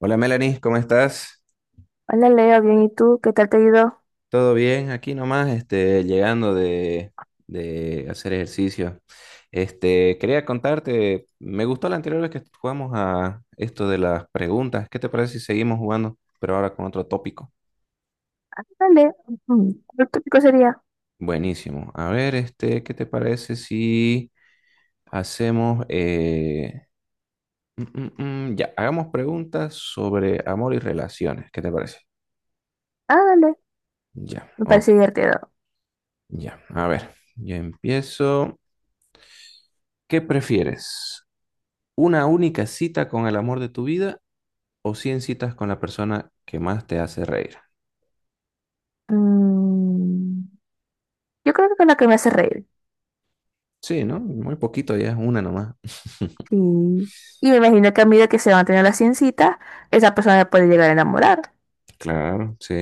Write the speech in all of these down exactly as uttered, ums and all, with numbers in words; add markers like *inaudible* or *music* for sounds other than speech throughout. Hola Melanie, ¿cómo estás? Hola Leo, bien, ¿y tú? ¿Qué tal te ayudó? ¿Todo bien? Aquí nomás, este, llegando de, de hacer ejercicio. Este, quería contarte, me gustó la anterior vez que jugamos a esto de las preguntas. ¿Qué te parece si seguimos jugando, pero ahora con otro tópico? Ah, dale. Ujú. ¿Cuál tópico sería? Buenísimo. A ver, este, ¿qué te parece si hacemos, eh, mm, mm, mm, ya, hagamos preguntas sobre amor y relaciones? ¿Qué te parece? Ah, dale. Ya, Me ok, parece divertido. ya. A ver, yo empiezo. ¿Qué prefieres? ¿Una única cita con el amor de tu vida o cien citas con la persona que más te hace reír? Mm, yo creo que con la que me hace reír. Sí, ¿no? Muy poquito, ya es una nomás. Sí. Y me imagino que a medida que se van a tener las ciencitas, esa persona me puede llegar a enamorar. Claro, sí.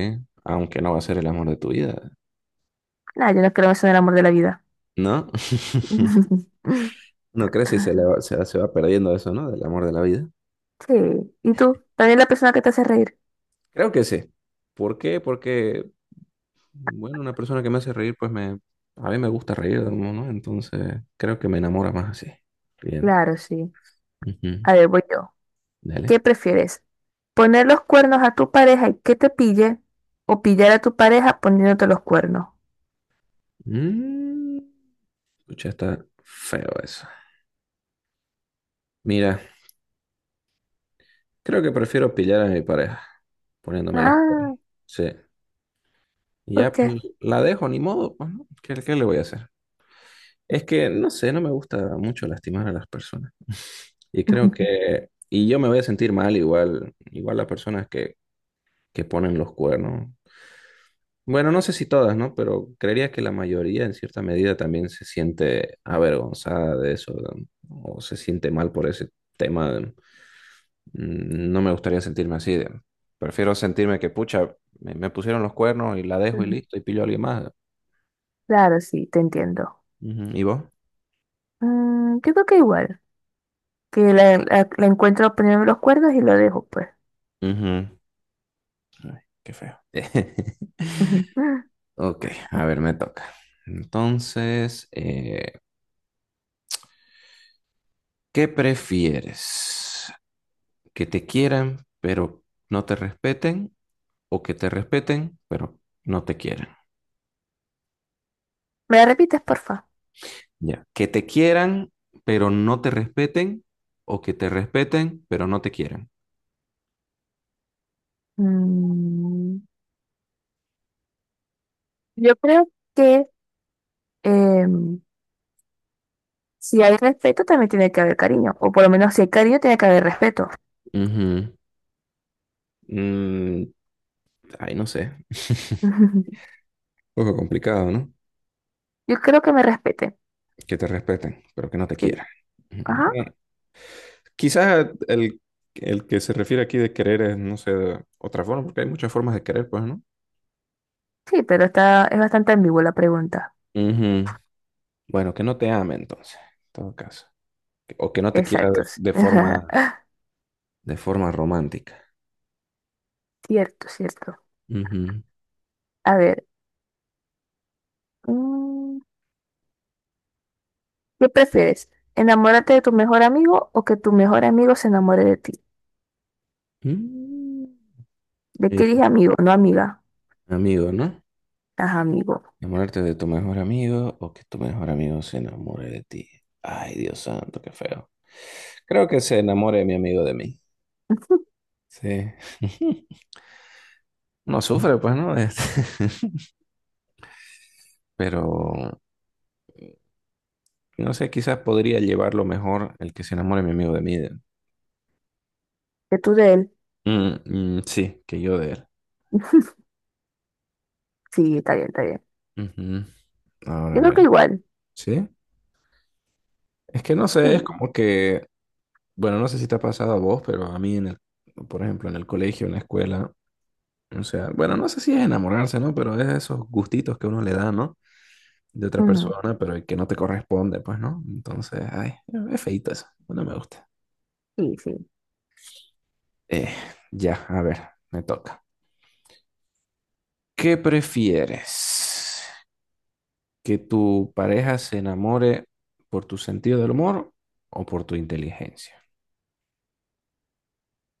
Aunque no va a ser el amor de tu vida, Nada, yo no creo eso en el amor de la vida. ¿no? *laughs* *laughs* No crece y se, le va- se, se va perdiendo eso, ¿no? Del amor de la vida. Sí. ¿Y tú? ¿También la persona que te hace reír? Creo que sí. ¿Por qué? Porque, bueno, una persona que me hace reír, pues me... A mí me gusta reír, ¿no? ¿no? Entonces, creo que me enamora más así. Bien. Claro, sí. Ujú. A ver, voy yo. Dale. ¿Qué prefieres? ¿Poner los cuernos a tu pareja y que te pille? ¿O pillar a tu pareja poniéndote los cuernos? Mm, pucha, está feo eso. Mira. Creo que prefiero pillar a mi pareja, poniéndome los cuernos. Ah, Sí. Y ¿por ya pues, qué? la dejo, ni modo, pues, ¿no? ¿Qué, qué le voy a hacer? Es que, no sé, no me gusta mucho lastimar a las personas. Y creo *laughs* que, y yo me voy a sentir mal igual, igual las personas que, que ponen los cuernos. Bueno, no sé si todas, ¿no? Pero creería que la mayoría en cierta medida también se siente avergonzada de eso, ¿no? O se siente mal por ese tema. Mm, No me gustaría sentirme así. de- Prefiero sentirme que, pucha, me, me pusieron los cuernos y la dejo y listo, y pillo a alguien más. Claro, sí, te entiendo. Ujú, ¿y vos? Mm, yo creo que igual, que la, la- la encuentro poniendo los cuernos y lo dejo, pues. Ujú. Ay, qué feo. *laughs* *laughs* Ujú. Ok, a ver, me toca. Entonces, eh, ¿qué prefieres? ¿Que te quieran pero no te respeten? ¿O que te respeten pero no te quieran? ¿Me la repites, porfa? Ya. ¿Que te quieran pero no te respeten? ¿O que te respeten pero no te quieran? Mm, yo creo que em, si hay respeto también tiene que haber cariño, o por lo menos si hay cariño tiene que haber respeto. Ujú. Mm, Ay, no sé. *laughs* Un poco complicado, ¿no? Yo creo que me respete, Que te respeten, pero que no te sí. quieran. Ujú. Ajá, Bueno, quizás el, el que se refiere aquí de querer es, no sé, de otra forma, porque hay muchas formas de querer, pues, ¿no? sí, pero está, es bastante ambigua la pregunta. Ujú. Bueno, que no te ame entonces, en todo caso. O que no te quiera de, Exacto. Sí. de *laughs* forma, de forma romántica. Cierto, cierto. Ujú. A ver. mm, ¿Qué prefieres? ¿Enamorarte de tu mejor amigo o que tu mejor amigo se enamore de ti? Mm, ¿De qué eh, dije amigo? No amiga. amigo, ¿no? Ajá, amigo. Enamorarte de tu mejor amigo o que tu mejor amigo se enamore de ti. Ay, Dios santo, qué feo. Creo que se enamore mi amigo de mí. *laughs* Sí. *laughs* No sufre, pues, ¿no? Este, *laughs* Pero, no sé, quizás podría llevarlo mejor el que se enamore mi amigo de mí. ¿Que tú de él? Mm, mm, sí, que yo de él. Sí, está bien, está bien. Ujú. Ahora, Yo a creo que ver. igual. ¿Sí? Es que no sé, es Sí. como que, bueno, no sé si te ha pasado a vos, pero a mí, en el, por ejemplo, en el colegio, en la escuela, o sea, bueno, no sé si es enamorarse, ¿no? Pero es esos gustitos que uno le da, ¿no? De otra Ujú. persona, pero que no te corresponde, pues, ¿no? Entonces, ay, es feíto eso, no me gusta. Sí, sí. Eh, ya, a ver, me toca. ¿Qué prefieres? ¿Que tu pareja se enamore por tu sentido del humor o por tu inteligencia?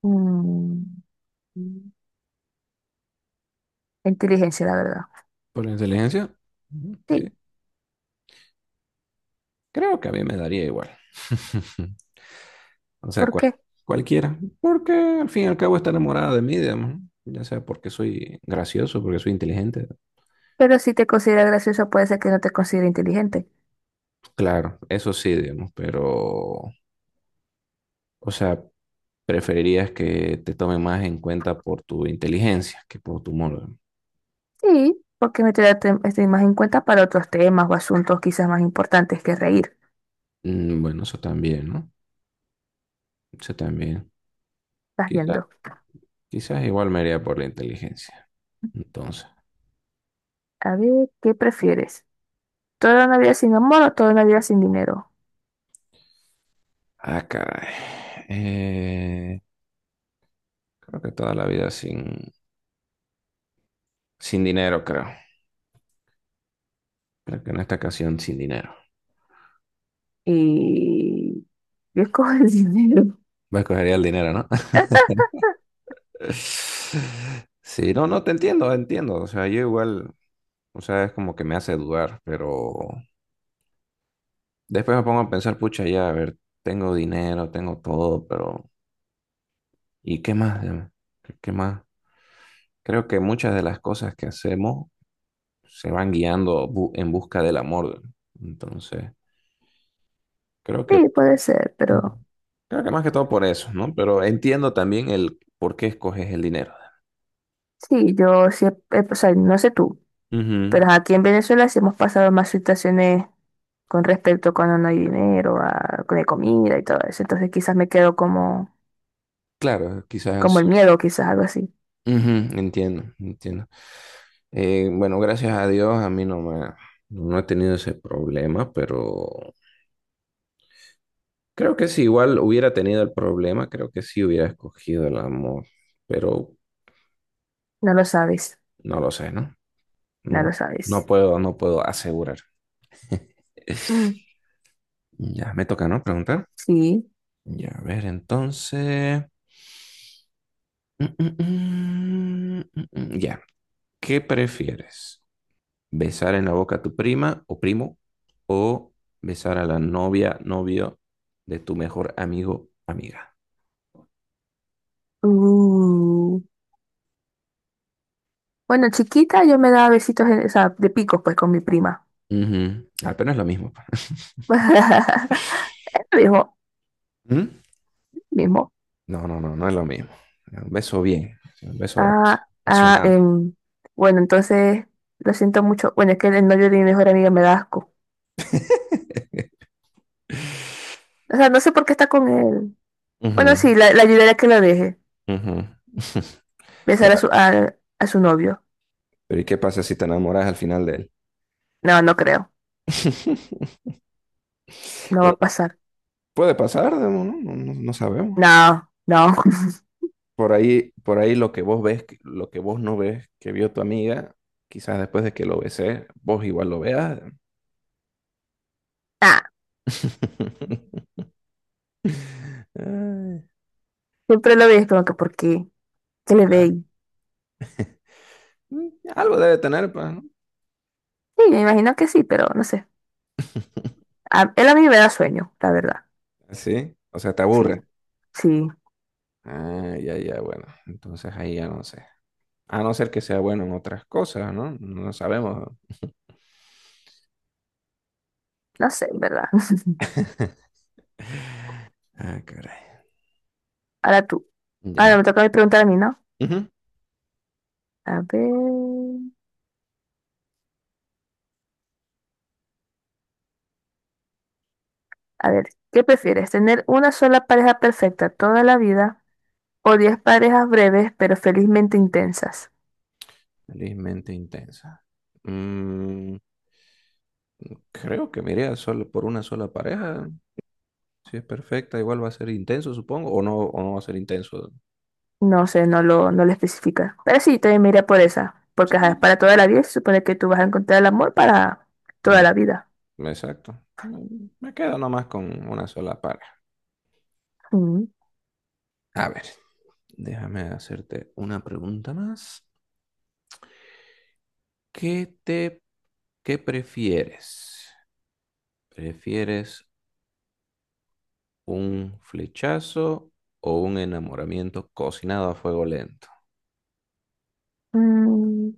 Mm, inteligencia, la verdad. ¿Por la inteligencia? Ujú, Sí. bien. Creo que a mí me daría igual. *laughs* O sea, ¿Por cual- qué? cualquiera. Porque al fin y al cabo está enamorada de mí, digamos. ¿No? Ya sea porque soy gracioso, porque soy inteligente. Pero si te considera gracioso, puede ser que no te considere inteligente. Claro, eso sí, digamos. Pero, o sea, preferirías que te tomen más en cuenta por tu inteligencia que por tu humor. Sí, porque me te estoy más en cuenta para otros temas o asuntos quizás más importantes que reír. Mm, Bueno, eso también, ¿no? Eso también. Estás Quizás, viendo. quizás igual me iría por la inteligencia. Entonces, A ver, ¿qué prefieres? Toda una vida sin amor o toda una vida sin dinero. ah, caray. Eh, creo que toda la vida sin, sin dinero, creo. Creo que en esta ocasión sin dinero. Y yo escojo el *laughs* dinero. Me escogería el dinero, ¿no? *laughs* Sí, no, no, te entiendo, entiendo. O sea, yo igual, o sea, es como que me hace dudar, pero después me pongo a pensar, pucha, ya, a ver, tengo dinero, tengo todo, pero ¿y qué más? ¿Qué qué más? Creo que muchas de las cosas que hacemos se van guiando bu- en busca del amor. ¿No? Entonces, creo que, Sí, puede ser, Mm. pero creo que más que todo por eso, ¿no? Pero entiendo también el por qué escoges el dinero. sí, yo siempre, o sea, no sé tú, Ujú. pero aquí en Venezuela sí hemos pasado más situaciones con respecto a cuando no hay dinero, a, con la comida y todo eso. Entonces quizás me quedo como, Claro, quizás como sí. el miedo, quizás algo así. Ujú, entiendo, entiendo. Eh, bueno, gracias a Dios a mí no me, no he tenido ese problema, pero creo que si igual hubiera tenido el problema, creo que sí hubiera escogido el amor, pero No lo sabes, no lo sé, ¿no? no lo No, no sabes. puedo, no puedo asegurar. *laughs* Mm, Ya me toca, ¿no? Preguntar. Sí. Ya, a ver, entonces. Mm, mm, mm, mm, mm, Ya, ¿qué prefieres? ¿Besar en la boca a tu prima o primo o besar a la novia, novio de tu mejor amigo, amiga? Uh. Bueno, chiquita yo me daba besitos, en- o sea, de picos pues con mi prima. Ujú. Ah, pero no es lo mismo. Pa. *laughs* *laughs* Ella me dijo, ¿Mm? mismo. No, no, no, no es lo mismo. Un beso bien, un beso ap- Ah, ah, apasionado. em, bueno, entonces lo siento mucho. Bueno, es que el novio de mi mejor amiga me da asco. O sea, no sé por qué está con él. Bueno, sí, Ujú, la, la ayudaré a que lo deje. ujú. *laughs* Besar a su, Pero, a, a su novio. pero ¿y qué pasa si te enamoras al final de él? No, no creo. *laughs* No va Pero a pasar. puede pasar, Demo, ¿no? No, no- no sabemos. No, no. *laughs* Por ahí, por ahí lo que vos ves, que- lo que vos no ves, que vio tu amiga, quizás después de que lo besé, vos igual lo veas. Ah, *laughs* Ay, siempre lo veis como que ¿por qué? ¿Qué le ah, veis? mm, algo debe tener, pues, ¿no? Sí, me imagino que sí, pero no sé. A- él a mí me da sueño, la verdad. Sí, o sea, te Sí, aburre. sí. Ah, ya, ya, bueno. Entonces ahí ya no sé. A no ser que sea bueno en otras cosas, ¿no? No sabemos. No sé, en verdad. *laughs* *laughs* Ah, caray. Ahora tú. Ya. Ahora me toca preguntar a mí, ¿no? Ujú. A ver. A ver, ¿qué prefieres? ¿Tener una sola pareja perfecta toda la vida o diez parejas breves pero felizmente intensas? Felizmente intensa. Mm, Creo que me iría solo por una sola pareja. Si es perfecta, igual va a ser intenso, supongo, o no, o no va a ser intenso. No sé, no lo, no lo especifica. Pero sí, también me iría por esa. Porque ajá, Sí, para toda la vida se supone que tú vas a encontrar el amor para toda la mm, vida. exacto. Me me quedo nomás con una sola pareja. Mm. A ver, déjame hacerte una pregunta más. ¿Qué te, qué prefieres? ¿Prefieres un flechazo o un enamoramiento cocinado a fuego lento? Mm,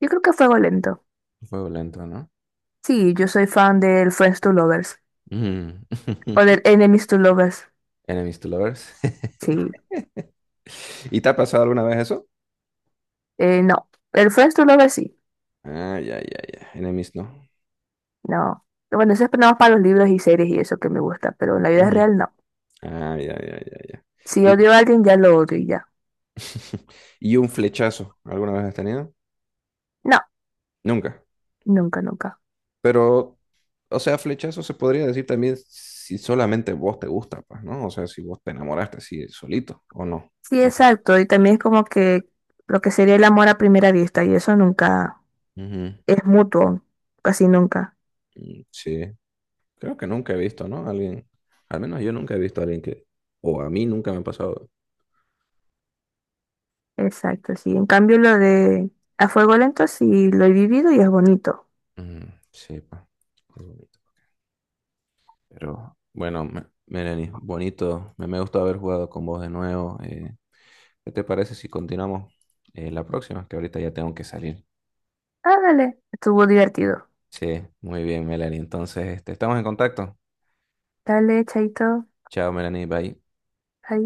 yo creo que fuego lento. Fuego lento, ¿no? Sí, yo soy fan del Friends to Lovers. Mm. O *laughs* del Enemies to Lovers. Enemies to lovers. *laughs* Sí. ¿Y te ha pasado alguna vez eso? Eh, no. El Friends to Lovers sí. Ah, ya, ya, ya. Enemies, ¿no? No. Bueno, eso es nada más para los libros y series y eso que me gusta, pero en la vida Ujú. real no. Ah, ya, ya, ya, ya. Si Y, odio a alguien, ya lo odio y ya. *laughs* y un flechazo, ¿alguna vez has tenido? No, Nunca. nunca, nunca. Pero, o sea, flechazo se podría decir también si solamente vos te gusta, pues, ¿no? O sea, si vos te enamoraste así solito o no. Sí, O- exacto. Y también es como que lo que sería el amor a primera vista y eso nunca Ujú. es mutuo, casi nunca. Mm, sí, creo que nunca he visto, ¿no? Alguien, al menos yo nunca he visto a alguien que, o a mí nunca me ha pasado. Exacto, sí. En cambio, lo de a fuego lento sí lo he vivido y es bonito. Mm, sí, pues. Pero bueno, Melanie, bonito. Me, me gustó haber jugado con vos de nuevo. Eh, ¿qué te parece si continuamos eh, la próxima? Que ahorita ya tengo que salir. Ah, dale. Estuvo divertido. Sí, muy bien, Melanie. Entonces, este, estamos en contacto. Dale, chaito. Chao, Melanie. Bye. Adiós.